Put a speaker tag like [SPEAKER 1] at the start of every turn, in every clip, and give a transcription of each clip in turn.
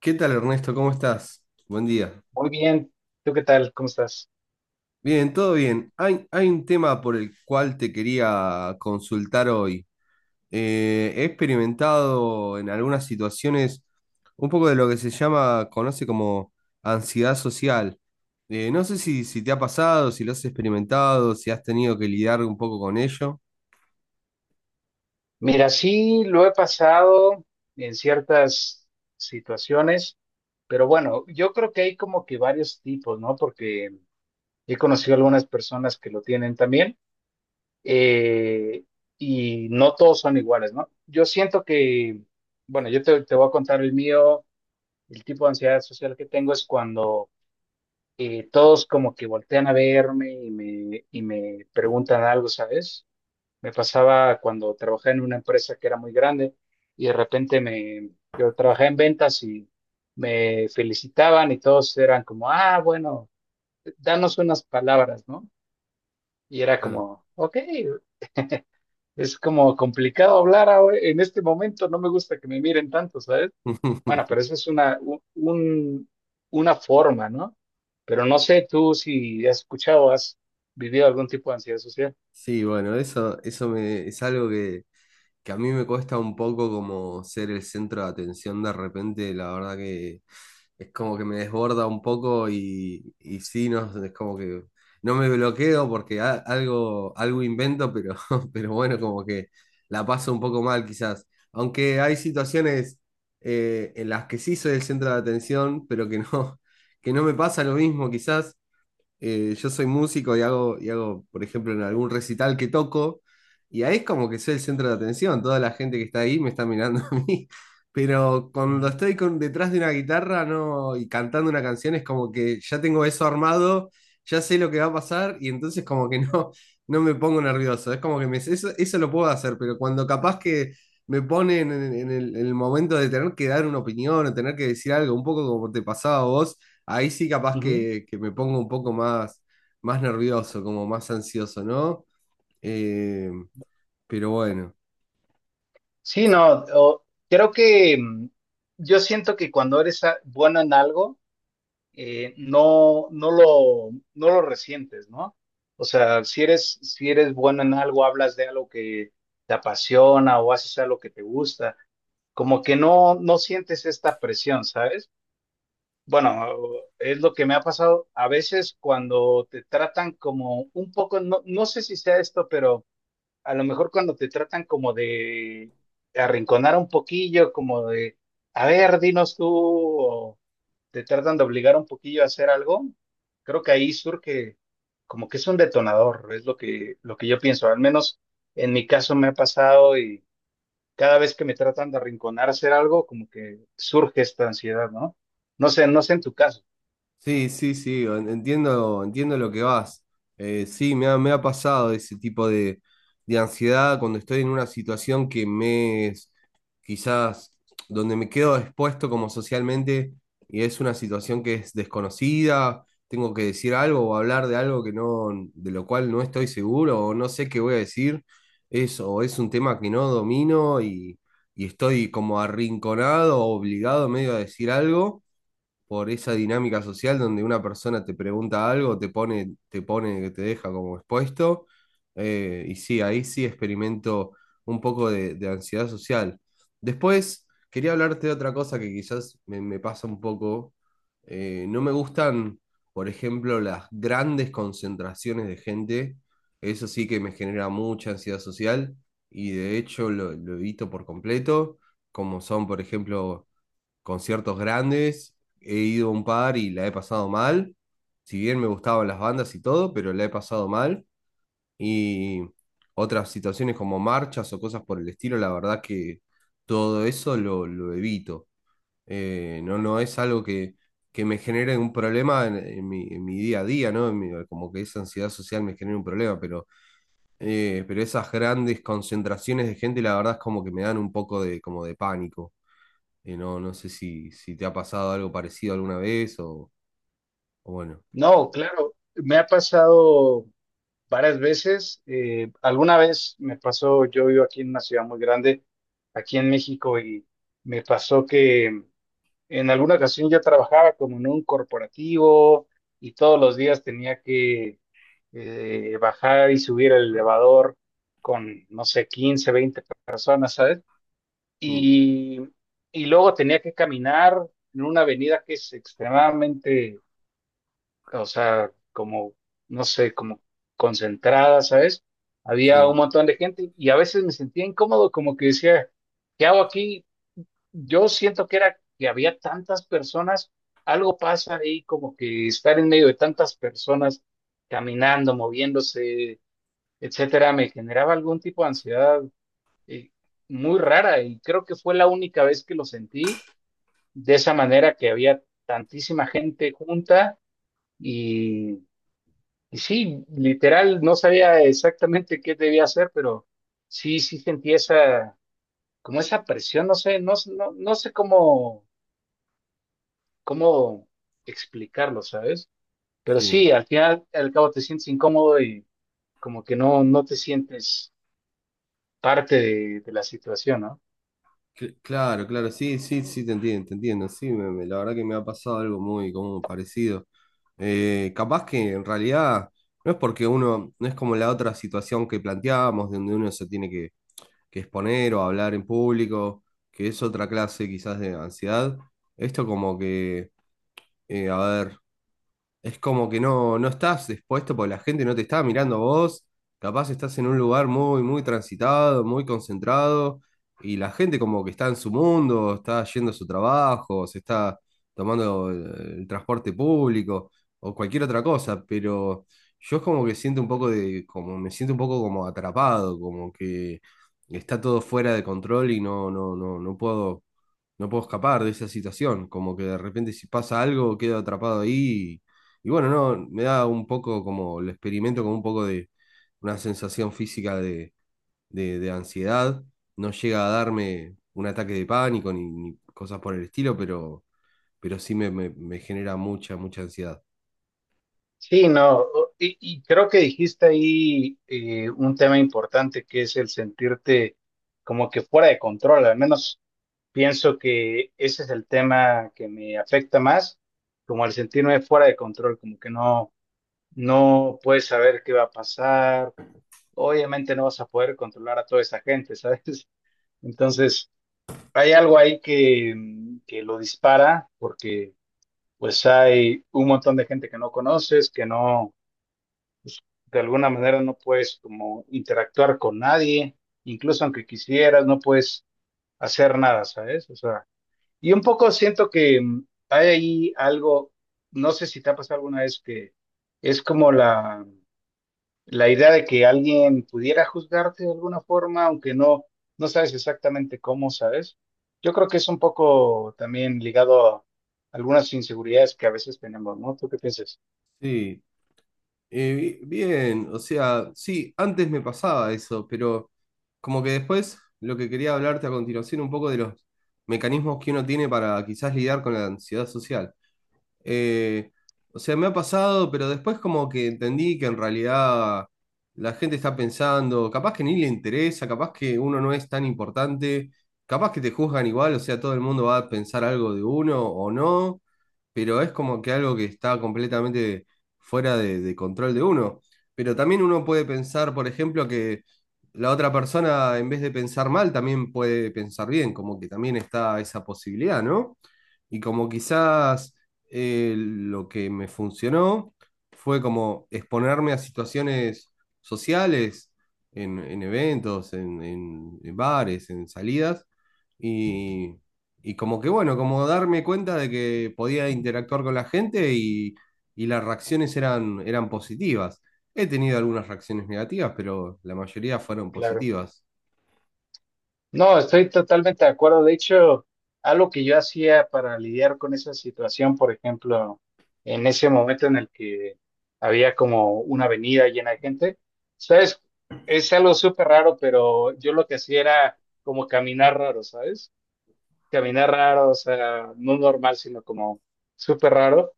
[SPEAKER 1] ¿Qué tal, Ernesto? ¿Cómo estás? Buen día.
[SPEAKER 2] Muy bien, ¿tú qué tal? ¿Cómo estás?
[SPEAKER 1] Bien, todo bien. Hay un tema por el cual te quería consultar hoy. He experimentado en algunas situaciones un poco de lo que se llama, conoce como ansiedad social. No sé si te ha pasado, si lo has experimentado, si has tenido que lidiar un poco con ello.
[SPEAKER 2] Mira, sí, lo he pasado en ciertas situaciones, pero bueno, yo creo que hay como que varios tipos, ¿no? Porque he conocido algunas personas que lo tienen también, eh, y no todos son iguales, ¿no? Yo siento que, bueno, yo te voy a contar el mío, el tipo de ansiedad social que tengo es cuando todos como que voltean a verme y me preguntan algo, ¿sabes? Me pasaba cuando trabajé en una empresa que era muy grande y de repente yo trabajé en ventas y me felicitaban y todos eran como, ah, bueno, danos unas palabras, ¿no? Y era
[SPEAKER 1] Claro.
[SPEAKER 2] como, ok, es como complicado en este momento, no me gusta que me miren tanto, ¿sabes? Bueno, pero eso es una forma, ¿no? Pero no sé tú si has escuchado, has vivido algún tipo de ansiedad social.
[SPEAKER 1] Sí, bueno, es algo que a mí me cuesta un poco como ser el centro de atención de repente, la verdad que es como que me desborda un poco y sí, no, es como que no me bloqueo porque algo, algo invento, pero, pero bueno, como que la paso un poco mal quizás. Aunque hay situaciones en las que sí soy el centro de atención, pero que no, que no me pasa lo mismo quizás. Yo soy músico y hago, por ejemplo, en algún recital que toco, y ahí es como que soy el centro de atención, toda la gente que está ahí me está mirando a mí, pero cuando estoy con, detrás de una guitarra no, y cantando una canción es como que ya tengo eso armado, ya sé lo que va a pasar y entonces como que no, no me pongo nervioso, es como que me, eso lo puedo hacer, pero cuando capaz que me ponen en el momento de tener que dar una opinión o tener que decir algo, un poco como te pasaba a vos, ahí sí capaz
[SPEAKER 2] Ujú.
[SPEAKER 1] que me pongo un poco más, más nervioso, como más ansioso, ¿no? Eh, pero bueno.
[SPEAKER 2] Sí, no, o- creo que yo siento que cuando bueno en algo, no lo resientes, ¿no? O sea, si eres bueno en algo, hablas de algo que te apasiona o haces algo que te gusta, como que no sientes esta presión, ¿sabes? Bueno, es lo que me ha pasado a veces cuando te tratan como un poco, no sé si sea esto, pero a lo mejor cuando te tratan como de arrinconar un poquillo, como de, a ver, dinos tú, o te tratan de obligar un poquillo a hacer algo, creo que ahí surge como que es un detonador, es lo que yo pienso, al menos en mi caso me ha pasado y cada vez que me tratan de arrinconar a hacer algo, como que surge esta ansiedad, ¿no? No sé, no sé en tu caso.
[SPEAKER 1] Sí, sí, sí, entiendo, entiendo lo que vas. Sí, me ha pasado ese tipo de ansiedad cuando estoy en una situación que me es quizás donde me quedo expuesto como socialmente y es una situación que es desconocida, tengo que decir algo o hablar de algo que no, de lo cual no estoy seguro o no sé qué voy a decir. Es, o es un tema que no domino y estoy como arrinconado, obligado medio a decir algo por esa dinámica social donde una persona te pregunta algo, te pone, que te deja como expuesto. Y sí, ahí sí experimento un poco de ansiedad social. Después, quería hablarte de otra cosa que quizás me, me pasa un poco. No me gustan, por ejemplo, las grandes concentraciones de gente. Eso sí que me genera mucha ansiedad social y de hecho lo evito por completo, como son, por ejemplo, conciertos grandes, he ido a un par y la he pasado mal. Si bien me gustaban las bandas y todo, pero la he pasado mal. Y otras situaciones como marchas o cosas por el estilo, la verdad que todo eso lo evito. No, no es algo que me genere un problema en mi día a día, ¿no? Como que esa ansiedad social me genera un problema, pero esas grandes concentraciones de gente, la verdad es como que me dan un poco de, como de pánico. No, no sé si te ha pasado algo parecido alguna vez o bueno.
[SPEAKER 2] No, claro, me ha pasado varias veces. Alguna vez me pasó, yo vivo aquí en una ciudad muy grande, aquí en México, y me pasó que en alguna ocasión yo trabajaba como en un corporativo y todos los días tenía que bajar y subir el elevador con, no sé, 15, 20 personas, ¿sabes?
[SPEAKER 1] Mm,
[SPEAKER 2] Y, y luego tenía que caminar en una avenida que es extremadamente o sea, como, no sé, como concentrada, ¿sabes? Había
[SPEAKER 1] sí,
[SPEAKER 2] un montón de gente y a veces me sentía incómodo, como que decía, ¿qué hago aquí? Yo siento que era que había tantas personas, algo pasa ahí, como que estar en medio de tantas personas caminando, moviéndose, etcétera, me generaba algún tipo de ansiedad eh, muy rara y creo que fue la única vez que lo sentí de esa manera que había tantísima gente junta. Y y sí, literal, no sabía exactamente qué debía hacer, pero sí, sí sentí esa, como esa presión, no sé, no sé cómo, cómo explicarlo, ¿sabes? Pero
[SPEAKER 1] sí.
[SPEAKER 2] sí, al final, al cabo te sientes incómodo y como que no te sientes parte de la situación, ¿no?
[SPEAKER 1] Claro, claro, sí, sí, sí, te entiendo, te entiendo. Sí, la verdad que me ha pasado algo muy como parecido. Capaz que en realidad no es porque uno, no es como la otra situación que planteábamos, donde uno se tiene que exponer o hablar en público, que es otra clase quizás de ansiedad. Esto como que, a ver. Es como que no, no estás expuesto porque la gente no te está mirando a vos. Capaz estás en un lugar muy, muy transitado, muy concentrado, y la gente como que está en su mundo, está yendo a su trabajo, se está tomando el transporte público o cualquier otra cosa, pero yo es como que siento un poco de, como me siento un poco como atrapado, como que está todo fuera de control y no, no, no, no puedo, no puedo escapar de esa situación. Como que de repente si pasa algo, quedo atrapado ahí y bueno, no, me da un poco como, lo experimento como un poco de una sensación física de ansiedad. No llega a darme un ataque de pánico ni, ni cosas por el estilo, pero sí me genera mucha, mucha ansiedad.
[SPEAKER 2] Sí, no, o- y creo que dijiste ahí un tema importante que es el sentirte como que fuera de control, al menos. Pienso que ese es el tema que me afecta más, como al sentirme fuera de control, como que no puedes saber qué va a pasar. Obviamente no vas a poder controlar a toda esa gente, ¿sabes? Entonces, hay algo ahí que, que lo dispara porque pues hay un montón de gente que no conoces, que no, de alguna manera no puedes como interactuar con nadie, incluso aunque quisieras, no puedes hacer nada, ¿sabes? O sea, y un poco siento que hay ahí algo, no sé si te ha pasado alguna vez que es como la idea de que alguien pudiera juzgarte de alguna forma, aunque no sabes exactamente cómo, ¿sabes? Yo creo que es un poco también ligado a algunas inseguridades que a veces tenemos, ¿no? ¿Tú qué piensas?
[SPEAKER 1] Sí. Bien, o sea, sí, antes me pasaba eso, pero como que después lo que quería hablarte a continuación un poco de los mecanismos que uno tiene para quizás lidiar con la ansiedad social. Eh, o sea, me ha pasado, pero después como que entendí que en realidad la gente está pensando, capaz que ni le interesa, capaz que uno no es tan importante, capaz que te juzgan igual, o sea, todo el mundo va a pensar algo de uno o no, pero es como que algo que está completamente fuera de control de uno. Pero también uno puede pensar, por ejemplo, que la otra persona, en vez de pensar mal, también puede pensar bien, como que también está esa posibilidad, ¿no? Y como quizás lo que me funcionó fue como exponerme a situaciones sociales, en eventos, en bares, en salidas, y como que bueno, como darme cuenta de que podía interactuar con la gente y las reacciones eran, eran positivas. He tenido algunas reacciones negativas, pero la mayoría fueron
[SPEAKER 2] Claro.
[SPEAKER 1] positivas.
[SPEAKER 2] No, estoy totalmente de acuerdo. De hecho, algo que yo hacía para lidiar con esa situación, por ejemplo, en ese momento en el que había como una avenida llena de gente, ¿sabes? Es algo súper raro, pero yo lo que hacía era como caminar raro, ¿sabes? Caminar raro, o sea, no normal, sino como súper raro.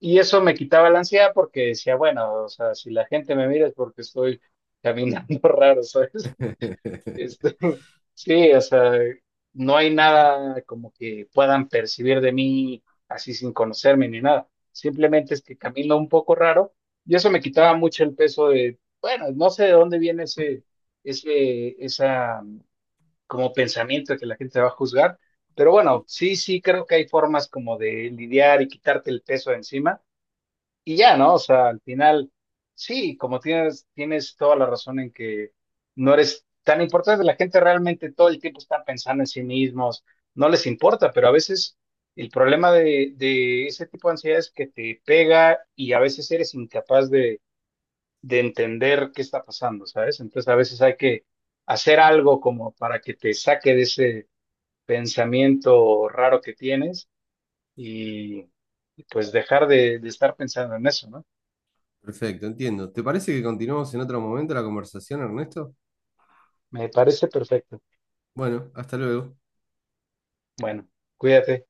[SPEAKER 2] Y eso me quitaba la ansiedad porque decía, bueno, o sea, si la gente me mira es porque estoy caminando raro, ¿sabes? Este, sí, o sea, no hay nada como que puedan percibir de mí así sin conocerme ni nada. Simplemente es que camino un poco raro y eso me quitaba mucho el peso de, bueno, no sé de dónde viene esa como pensamiento de que la gente te va a juzgar, pero bueno, sí, sí creo que hay formas como de lidiar y quitarte el peso de encima y ya, ¿no? O sea, al final, sí, como tienes toda la razón en que no eres tan importante, la gente realmente todo el tiempo está pensando en sí mismos, no les importa, pero a veces el problema de ese tipo de ansiedad es que te pega y a veces eres incapaz de entender qué está pasando, ¿sabes? Entonces a veces hay que hacer algo como para que te saque de ese pensamiento raro que tienes y y pues dejar de estar pensando en eso, ¿no?
[SPEAKER 1] Perfecto, entiendo. ¿Te parece que continuamos en otro momento la conversación, Ernesto?
[SPEAKER 2] Me parece perfecto.
[SPEAKER 1] Bueno, hasta luego.
[SPEAKER 2] Bueno, cuídate.